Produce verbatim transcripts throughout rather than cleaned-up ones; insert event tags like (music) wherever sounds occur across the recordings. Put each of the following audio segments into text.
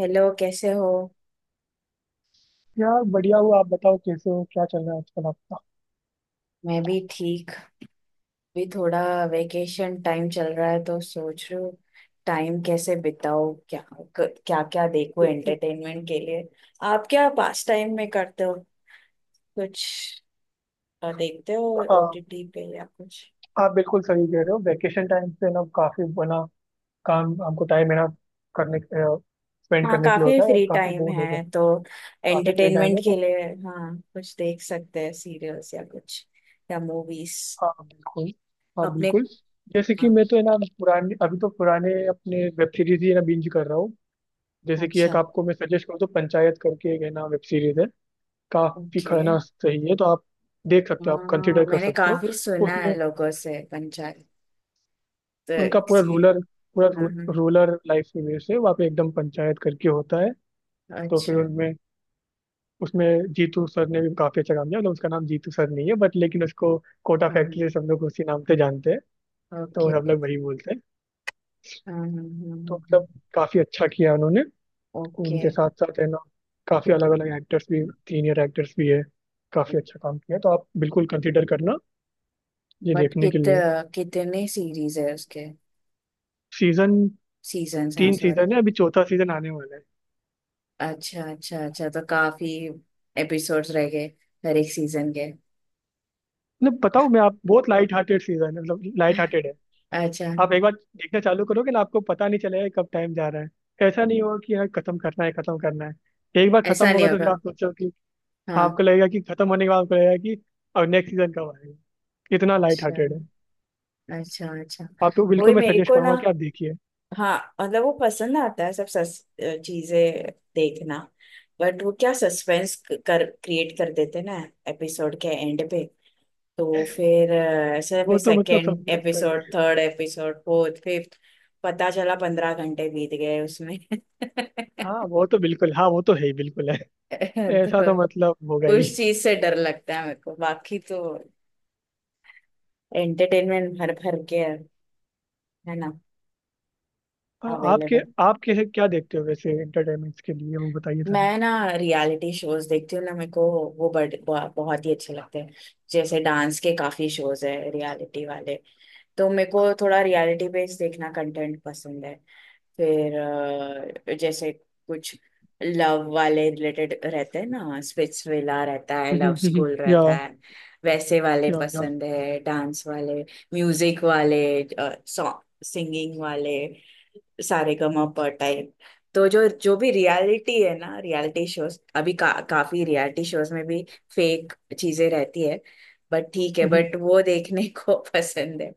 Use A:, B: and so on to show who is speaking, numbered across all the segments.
A: Hello, कैसे हो।
B: यार, बढ़िया हुआ। आप बताओ, कैसे हो? क्या चल रहा है आजकल आपका?
A: मैं भी ठीक। भी थोड़ा वेकेशन टाइम चल रहा है तो सोच रही हूँ टाइम कैसे बिताओ, क्या क्या क्या देखो एंटरटेनमेंट के लिए। आप क्या पास टाइम में करते हो, कुछ अ, देखते हो
B: हाँ।
A: ओटीटी पे या कुछ।
B: आप बिल्कुल सही कह रहे हो। वैकेशन टाइम पे ना काफी बना काम हमको टाइम है ना करने स्पेंड
A: हाँ,
B: करने के लिए
A: काफी
B: होता है और
A: फ्री
B: काफी
A: टाइम
B: बोर हो जाए।
A: है तो
B: काफी फ्री टाइम
A: एंटरटेनमेंट
B: है
A: के
B: तो।
A: लिए। हाँ, कुछ देख सकते हैं सीरियल्स या कुछ, या मूवीज
B: हाँ, बिल्कुल। हाँ,
A: अपने।
B: बिल्कुल। जैसे कि
A: हाँ।
B: मैं तो है ना, पुराने अभी तो पुराने अपने वेब सीरीज ही है ना बिंज कर रहा हूँ। जैसे कि एक
A: अच्छा।
B: आपको मैं सजेस्ट करूँ तो पंचायत करके एक है ना वेब सीरीज है। काफी
A: ओके।
B: खाना सही है तो आप देख सकते हो, आप
A: हाँ,
B: कंसिडर कर
A: मैंने
B: सकते हो।
A: काफी सुना है
B: उसमें
A: लोगों से पंचायत, तो
B: उनका पूरा
A: किसी।
B: रूलर पूरा रू,
A: हाँ हाँ।
B: रूलर लाइफ की वजह से वहाँ पे एकदम पंचायत करके होता है। तो फिर
A: अच्छा।
B: उनमें उसमें जीतू सर ने भी काफी अच्छा काम किया, मतलब उसका नाम जीतू सर नहीं है बट लेकिन उसको कोटा
A: हाँ हाँ।
B: फैक्ट्री से सब लोग उसी नाम से जानते हैं।
A: ओके।
B: तो सब
A: हाँ
B: लोग वही बोलते हैं।
A: हाँ हाँ,
B: तो
A: हाँ,
B: मतलब
A: हाँ।
B: काफी अच्छा किया उन्होंने।
A: ओके।
B: उनके साथ साथ है ना काफी अलग अलग एक्टर्स भी, सीनियर एक्टर्स भी है। काफी अच्छा काम किया, तो आप बिल्कुल कंसिडर करना ये
A: बट
B: देखने के
A: कित
B: लिए।
A: कितने सीरीज है उसके,
B: सीजन
A: सीजन्स हाँ
B: तीन
A: सॉरी।
B: सीजन है, अभी चौथा सीजन आने वाला है।
A: अच्छा अच्छा अच्छा, तो काफी एपिसोड्स रह गए हर एक सीजन के।
B: मतलब बताओ, मैं आप बहुत लाइट हार्टेड सीजन है, मतलब लाइट हार्टेड है।
A: अच्छा।
B: आप एक बार देखना चालू करोगे ना, आपको पता नहीं चलेगा कि कब टाइम जा रहा है। ऐसा नहीं होगा कि यार खत्म करना है, खत्म करना है। एक बार खत्म
A: ऐसा नहीं
B: होगा तो फिर
A: होगा।
B: आप सोचो कि
A: हाँ।
B: आपको लगेगा कि खत्म होने के बाद आपको लगेगा कि अब नेक्स्ट सीजन कब आएगा। इतना लाइट
A: अच्छा
B: हार्टेड है।
A: अच्छा अच्छा।
B: आपको
A: वही
B: बिल्कुल मैं
A: मेरे
B: सजेस्ट
A: को ना।
B: करूंगा कि आप देखिए।
A: हाँ, मतलब वो पसंद आता है सब सस अ, चीजें देखना। बट वो क्या सस्पेंस कर क्रिएट कर देते हैं ना एपिसोड के एंड पे। तो फिर अ, ऐसे
B: वो
A: फिर
B: तो मतलब सब
A: सेकेंड
B: में होता ही
A: एपिसोड,
B: है।
A: Third episode, fourth, fifth. पता चला पंद्रह घंटे बीत गए उसमें (laughs)
B: हाँ, वो तो बिल्कुल। हाँ, वो तो है ही, बिल्कुल है। ऐसा तो
A: तो
B: मतलब होगा ही।
A: उस चीज से डर लगता है मेरे को, बाकी तो एंटरटेनमेंट भर भर के है है ना,
B: आ- आपके
A: अवेलेबल।
B: आप कैसे क्या देखते हो वैसे एंटरटेनमेंट के लिए, वो बताइए था?
A: मैं ना रियलिटी शोज देखती हूँ ना, मेरे को वो बड़, ब- बहुत ही अच्छे लगते हैं। जैसे डांस के काफी शोज है रियलिटी वाले, तो मेरे को थोड़ा रियलिटी बेस्ड देखना कंटेंट पसंद है। फिर अ, जैसे कुछ लव वाले रिलेटेड रहते हैं ना, स्पिट्स विला रहता है, लव स्कूल
B: या
A: रहता है, वैसे वाले
B: या या
A: पसंद है। डांस वाले, म्यूजिक वाले, सॉन्ग, सिंगिंग वाले, सारेगामापा टाइप। तो जो जो भी रियलिटी है ना, रियलिटी शोज अभी का, काफी रियलिटी शोज में भी फेक चीजें रहती है, बट ठीक है,
B: हम्म।
A: बट वो देखने को (laughs) पसंद है।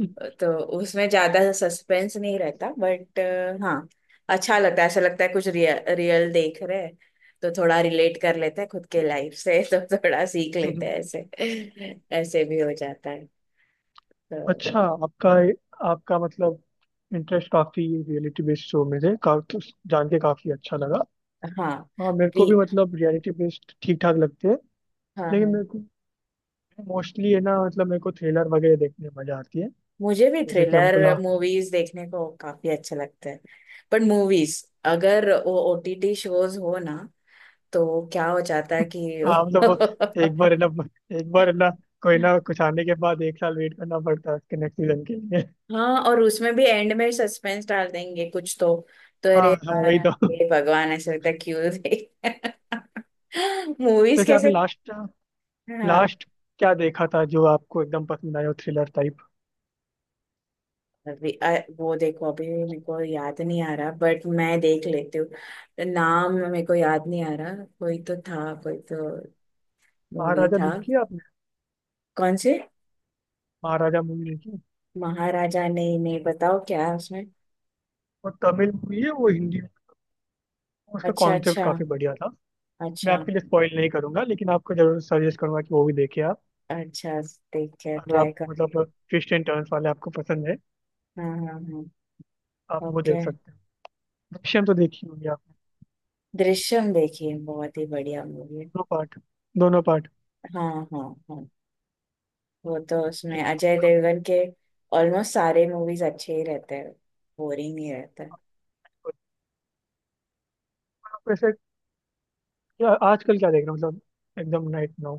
B: हम्म।
A: तो उसमें ज्यादा सस्पेंस नहीं रहता बट, हाँ, अच्छा लगता है। ऐसा लगता है कुछ रियल रियल देख रहे हैं, तो थोड़ा रिलेट कर लेते हैं खुद के लाइफ से (laughs) तो थोड़ा सीख लेते
B: हम्म।
A: हैं ऐसे, ऐसे भी हो जाता है। तो
B: अच्छा, आपका आपका मतलब इंटरेस्ट काफी रियलिटी बेस्ड शो में थे का, तो जान के काफी अच्छा लगा।
A: हाँ
B: हाँ, मेरे को भी
A: भी,
B: मतलब रियलिटी बेस्ड ठीक ठाक लगते हैं।
A: हाँ
B: लेकिन
A: हाँ।
B: मेरे को मोस्टली है ना, मतलब मेरे को थ्रिलर वगैरह देखने में मजा आती है।
A: मुझे भी
B: जैसे कि
A: थ्रिलर
B: हमको ला।
A: मूवीज देखने को काफी अच्छा लगता है। बट मूवीज अगर वो ओटीटी शोज हो ना, तो क्या हो जाता है कि
B: हाँ, मतलब वो एक बार है ना
A: (laughs)
B: एक बार है ना कोई ना कुछ आने के बाद एक साल वेट करना पड़ता है उसके नेक्स्ट सीजन के लिए।
A: हाँ, और उसमें भी एंड में सस्पेंस डाल देंगे कुछ तो तो
B: हाँ,
A: अरे
B: हाँ,
A: यार
B: वही तो।
A: हे भगवान, ऐसा लगता है क्यों देख (laughs) मूवीज
B: वैसे
A: कैसे।
B: आपने लास्ट
A: हाँ,
B: लास्ट क्या देखा था जो आपको एकदम पसंद आया हो, थ्रिलर टाइप?
A: अभी अ, वो देखो अभी मेरे को याद नहीं आ रहा बट, मैं देख लेती हूँ नाम, मेरे को याद नहीं आ रहा। कोई तो था, कोई तो मूवी
B: महाराजा
A: था।
B: देखी है आपने?
A: कौन से।
B: महाराजा मूवी देखी?
A: महाराजा, नहीं नहीं, बताओ क्या है उसमें।
B: वो तमिल मूवी है, वो हिंदी में। उसका
A: अच्छा
B: कॉन्सेप्ट
A: अच्छा।
B: काफी बढ़िया था। मैं
A: अच्छा।
B: आपके लिए स्पॉइल नहीं करूंगा, लेकिन आपको जरूर सजेस्ट करूंगा कि वो भी देखिए आप।
A: अच्छा, ठीक है
B: अगर
A: ट्राई
B: आप
A: करेंगे।
B: मतलब ट्विस्ट एंड टर्न्स वाले आपको पसंद है,
A: हाँ हाँ हाँ।
B: आप वो
A: ओके।
B: देख सकते हो। दृश्यम तो देखी होगी आपने?
A: दृश्यम देखिए, बहुत ही बढ़िया मूवी है।
B: दोनों पार्ट दोनों पार्ट
A: हाँ हाँ हाँ, वो तो उसमें
B: एकदम
A: अजय
B: काफी
A: देवगन के ऑलमोस्ट सारे मूवीज अच्छे ही रहते हैं, बोरिंग नहीं रहता।
B: बढ़िया। आप वैसे क्या आजकल क्या देख रहे हो मतलब, एकदम नाइट नाउ?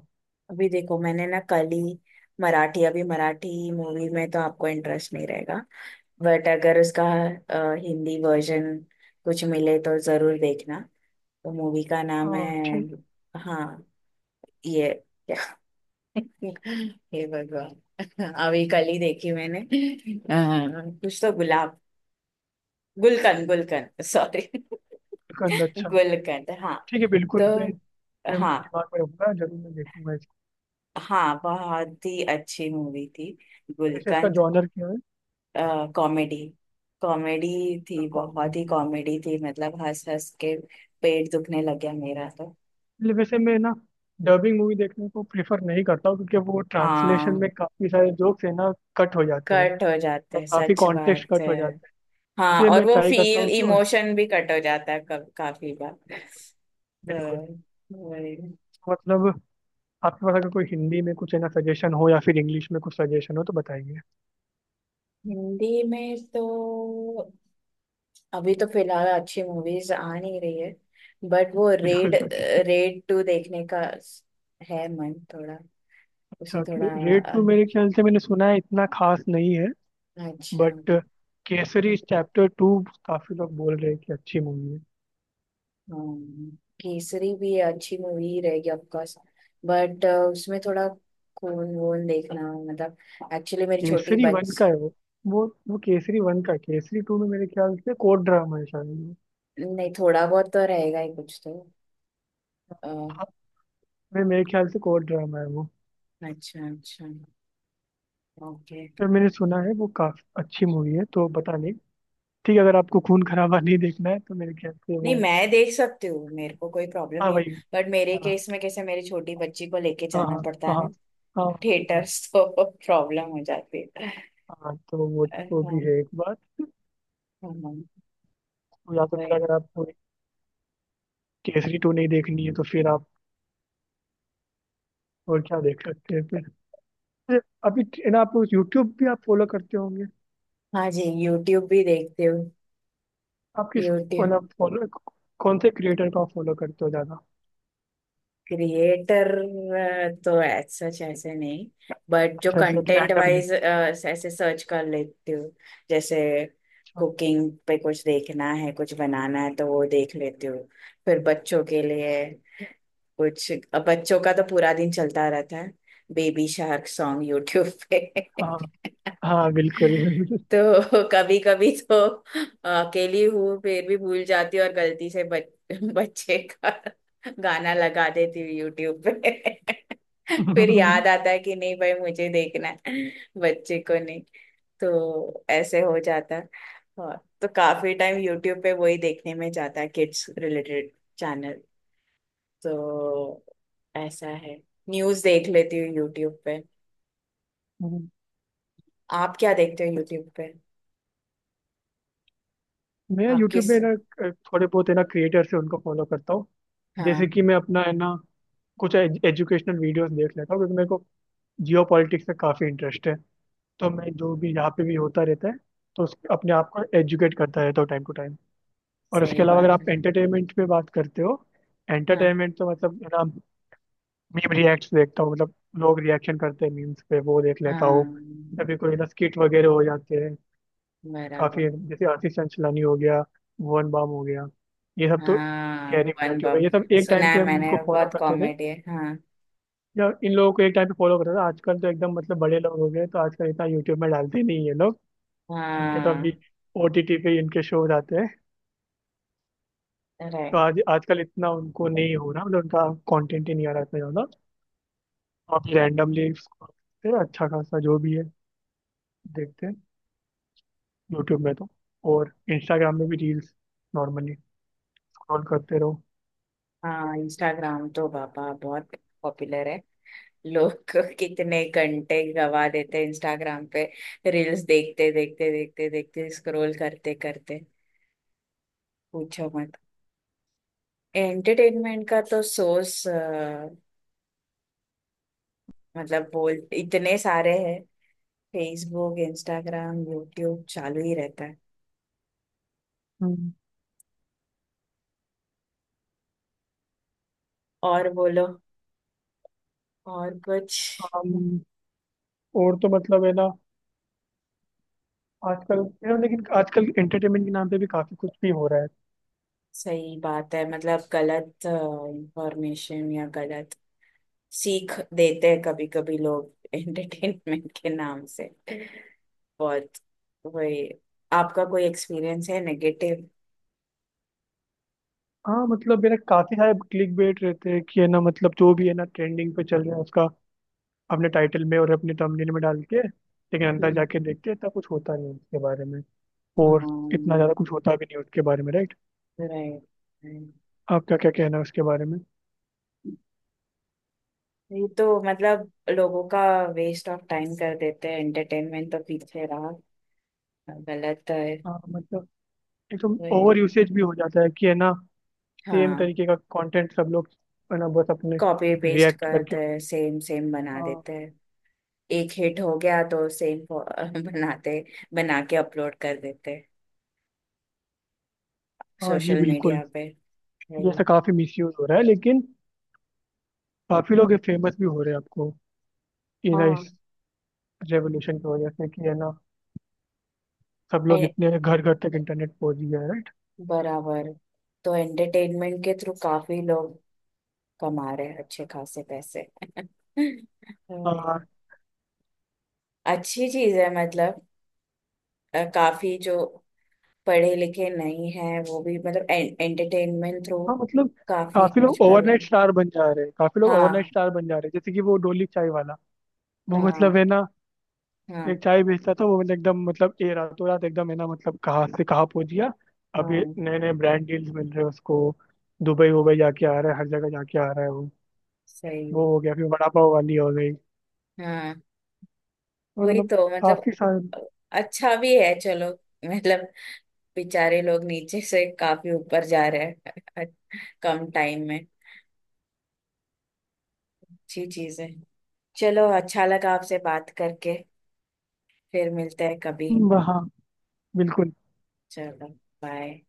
A: अभी देखो मैंने ना कल ही मराठी, अभी मराठी मूवी में तो आपको इंटरेस्ट नहीं रहेगा, बट अगर उसका अ, हिंदी वर्जन कुछ मिले तो जरूर देखना। तो मूवी का नाम
B: हाँ,
A: है।
B: ठीक।
A: हाँ, ये (laughs) हे भगवान, अभी कल ही देखी मैंने अह, कुछ तो गुलाब, गुलकंद, गुलकंद सॉरी
B: कंद,
A: (laughs)
B: अच्छा।
A: गुलकंद हाँ।
B: ठीक है,
A: तो
B: बिल्कुल मैं अपने
A: हाँ,
B: दिमाग में रखूंगा, जरूर मैं देखूंगा इसको।
A: हाँ बहुत ही अच्छी मूवी थी,
B: वैसे इसका
A: गुलकंद।
B: जॉनर क्या है?
A: कॉमेडी, कॉमेडी थी, बहुत ही
B: कॉमेडी।
A: कॉमेडी थी, मतलब हंस हंस के पेट दुखने लग गया मेरा तो।
B: इसलिए वैसे मैं ना डबिंग मूवी देखने को प्रेफर नहीं करता हूँ, क्योंकि वो ट्रांसलेशन
A: हाँ,
B: में काफ़ी सारे जोक्स है ना कट हो जाते हैं।
A: कट हो जाते
B: और
A: हैं,
B: काफ़ी
A: सच
B: कॉन्टेक्स्ट
A: बात
B: कट
A: है।
B: हो जाते हैं।
A: हाँ,
B: इसलिए
A: और
B: मैं
A: वो
B: ट्राई करता
A: फील
B: हूँ कि और
A: इमोशन भी कट हो जाता है कब, काफी बार।
B: बिल्कुल,
A: तो वही,
B: मतलब आपके पास अगर कोई हिंदी में कुछ है ना सजेशन हो, या फिर इंग्लिश में कुछ सजेशन हो, तो बताइए।
A: हिंदी में तो अभी तो फिलहाल अच्छी मूवीज आ नहीं रही है। बट वो रेड,
B: बिल्कुल सच।
A: रेड टू देखने का स- है, मन थोड़ा,
B: अच्छा
A: उसमें
B: कि
A: थोड़ा
B: रेड
A: अ,
B: टू मेरे ख्याल से मैंने सुना है इतना खास नहीं है।
A: अच्छा।
B: बट केसरी चैप्टर टू काफ़ी लोग बोल रहे हैं कि अच्छी मूवी है।
A: हाँ, केसरी भी अच्छी मूवी रहेगी ऑफकोर्स, बट उसमें थोड़ा खून वून देखना, मतलब, एक्चुअली मेरी छोटी
B: केसरी
A: बच।
B: वन का है वो। वो वो केसरी वन का है। केसरी टू में मेरे ख्याल से कोर्ट ड्रामा है शायद वो।
A: नहीं, थोड़ा बहुत तो रहेगा ही कुछ तो अ,
B: हाँ, मेरे मेरे ख्याल से कोर्ट ड्रामा है वो।
A: अच्छा अच्छा। ओके।
B: पर मैंने सुना है वो काफी अच्छी मूवी है, तो पता नहीं। ठीक है, अगर आपको खून खराबा नहीं देखना है तो मेरे ख्याल से
A: नहीं,
B: वो।
A: मैं देख सकती हूँ, मेरे को कोई प्रॉब्लम
B: हाँ,
A: नहीं है।
B: भाई।
A: बट मेरे
B: हाँ,
A: केस में कैसे, मेरी छोटी बच्ची को लेके
B: हाँ,
A: जाना
B: हाँ,
A: पड़ता है
B: हाँ,
A: ना
B: हाँ, हाँ।
A: थिएटर्स तो (laughs) प्रॉब्लम हो जाती है (laughs)
B: हाँ, तो वो
A: हाँ
B: वो भी
A: हाँ
B: है एक बात।
A: हाँ।
B: तो या तो फिर
A: वही।
B: अगर आपको केसरी टू नहीं देखनी है, तो फिर आप और क्या देख सकते हैं फिर अभी। ना, आप यूट्यूब भी आप फॉलो करते होंगे।
A: हाँ जी, यूट्यूब भी देखती हूँ।
B: आप किस,
A: यूट्यूब।
B: मतलब फॉलो, कौन से क्रिएटर को फॉलो करते हो ज्यादा?
A: क्रिएटर तो एज सच ऐसे नहीं, बट जो
B: अच्छा, ऐसे
A: कंटेंट
B: रैंडमली?
A: वाइज ऐसे सर्च कर लेती हूँ। जैसे
B: अच्छा।
A: कुकिंग पे कुछ देखना है, कुछ बनाना है तो वो देख लेती हूँ। फिर बच्चों के लिए कुछ, अब बच्चों का तो पूरा दिन चलता रहता है बेबी शार्क सॉन्ग यूट्यूब पे
B: हाँ,
A: (laughs)
B: हाँ, बिल्कुल। (laughs)
A: तो (laughs) कभी कभी तो अकेली हूँ फिर भी भूल जाती हूँ और गलती से बच, (laughs) बच्चे का गाना लगा देती हूँ यूट्यूब पे (laughs) फिर
B: हम्म।
A: याद आता है कि नहीं भाई, मुझे देखना है बच्चे को नहीं। तो ऐसे हो जाता है। और तो काफी टाइम यूट्यूब पे वही देखने में जाता है, किड्स रिलेटेड चैनल, तो ऐसा है। न्यूज देख लेती हूँ यूट्यूब पे। आप क्या देखते हो यूट्यूब पे,
B: मैं
A: आप
B: यूट्यूब
A: किस।
B: पे ना अ, थोड़े बहुत है ना क्रिएटर्स हैं, उनको फॉलो करता हूँ। जैसे
A: हाँ।
B: कि मैं अपना है ना, कुछ एजुकेशनल वीडियोस देख लेता हूँ, क्योंकि मेरे को जियो पॉलिटिक्स में काफ़ी इंटरेस्ट है। तो मैं जो भी यहाँ पे भी होता रहता है, तो उस अपने आप को एजुकेट करता रहता हूँ टाइम टू टाइम। और उसके
A: सही
B: अलावा अगर
A: बात
B: आप
A: है।
B: एंटरटेनमेंट पे बात करते हो,
A: हाँ
B: एंटरटेनमेंट तो मतलब है ना। मीम रिएक्ट देखता हूँ, मतलब लोग रिएक्शन करते हैं मीम्स पे, वो देख लेता हूँ।
A: हाँ।
B: कभी कोई ना स्किट वगैरह हो जाते हैं। काफी,
A: बराबर।
B: जैसे आशीष चंचलानी हो गया, भुवन बाम हो गया, ये सब तो।
A: हाँ,
B: गहरी
A: भुवन
B: मिनाटी हो गया,
A: बम।
B: ये सब एक
A: सुना
B: टाइम पे
A: है
B: हम
A: मैंने,
B: इनको फॉलो
A: बहुत
B: करते थे।
A: कॉमेडी है हाँ।
B: या इन लोगों को एक टाइम पे फॉलो करते थे। आजकल तो एकदम मतलब बड़े लोग हो गए, तो आजकल इतना यूट्यूब में डालते नहीं ये लोग। इनके तो अभी
A: हाँ।
B: ओटीटी पे इनके शोज आते हैं। तो
A: राइट।
B: आज आजकल इतना उनको नहीं हो रहा, मतलब उनका कंटेंट ही नहीं आ रहा इतना ज्यादा। अभी रैंडमली अच्छा खासा जो भी है देखते हैं यूट्यूब में तो। और इंस्टाग्राम में भी रील्स नॉर्मली स्क्रॉल करते रहो।
A: हाँ, इंस्टाग्राम तो बाबा बहुत पॉपुलर है। लोग (laughs) कितने घंटे गवा देते हैं इंस्टाग्राम पे रील्स देखते देखते देखते देखते, स्क्रॉल करते करते, पूछो मत। एंटरटेनमेंट का तो सोर्स मतलब बोल इतने सारे हैं, फेसबुक, इंस्टाग्राम, यूट्यूब, चालू ही रहता है।
B: हम्म
A: और बोलो, और कुछ।
B: हम और तो मतलब है ना, आजकल। यार, लेकिन आजकल एंटरटेनमेंट के नाम पे भी काफी कुछ भी हो रहा है।
A: सही बात है, मतलब गलत इंफॉर्मेशन या गलत सीख देते हैं कभी कभी लोग (laughs) एंटरटेनमेंट के नाम से बहुत। वही। आपका कोई एक्सपीरियंस है नेगेटिव।
B: हाँ, मतलब मेरा काफी सारे क्लिक बेट रहते हैं कि है ना, मतलब जो भी है ना ट्रेंडिंग पे चल रहा है उसका अपने टाइटल में और अपने थंबनेल में डाल के, लेकिन अंदर
A: हम्म।
B: जाके देखते हैं इतना कुछ होता नहीं है उसके बारे में। और इतना ज्यादा कुछ होता भी नहीं है उसके बारे में, राइट?
A: राइट।
B: आपका क्या कहना है उसके बारे में?
A: ये तो मतलब लोगों का वेस्ट ऑफ टाइम कर देते हैं, एंटरटेनमेंट तो पीछे रहा, गलत है।
B: हाँ, मतलब एकदम
A: वही।
B: ओवर यूसेज भी हो जाता है कि है ना। सेम
A: हाँ।
B: तरीके का कंटेंट सब लोग है ना, बस अपने
A: कॉपी पेस्ट
B: रिएक्ट करके।
A: करते हैं, सेम सेम बना
B: हाँ,
A: देते हैं। एक हिट हो गया तो सेम (laughs) बनाते, बना के अपलोड कर देते
B: हाँ जी,
A: सोशल मीडिया
B: बिल्कुल।
A: पे।
B: ये ऐसा
A: हम्म।
B: काफी मिसयूज हो रहा है, लेकिन काफी लोग फेमस भी हो रहे हैं आपको। ये ना
A: हाँ।
B: इस रेवोल्यूशन की वजह से, कि है ना। सब लोग
A: ए-
B: इतने घर घर तक इंटरनेट पहुंच गया है, राइट?
A: बराबर। तो एंटरटेनमेंट के थ्रू काफी लोग कमा रहे हैं अच्छे खासे पैसे। हम्म,
B: हाँ,
A: (laughs) अच्छी चीज है, मतलब अ, काफी जो पढ़े लिखे नहीं है वो भी मतलब एंटरटेनमेंट थ्रू
B: हाँ, मतलब
A: काफी
B: काफी
A: कुछ
B: लोग
A: कर ले।
B: ओवरनाइट स्टार बन जा रहे हैं, काफी लोग ओवरनाइट
A: हाँ
B: स्टार बन जा रहे हैं, जैसे कि वो डोली चाय वाला। वो मतलब है
A: हाँ
B: ना, एक
A: हाँ
B: चाय बेचता था वो, मतलब एकदम, मतलब ए रातों रात एकदम है ना, मतलब कहाँ से कहाँ पहुंच गया। अभी
A: हाँ।
B: नए नए ब्रांड डील्स मिल रहे हैं उसको। दुबई वुबई जाके आ रहा है, हर जगह जाके आ रहा है वो। वो
A: सही।
B: हो गया, फिर वड़ा पाव वाली हो गई।
A: हाँ,
B: और
A: वही
B: मतलब
A: तो मतलब,
B: काफी सारे
A: अच्छा भी है चलो। मतलब बेचारे लोग नीचे से काफी ऊपर जा रहे हैं (laughs) कम टाइम में, अच्छी चीज है। चलो, अच्छा लगा आपसे बात करके, फिर मिलते हैं कभी।
B: ब- हाँ, बिल्कुल।
A: चलो, बाय।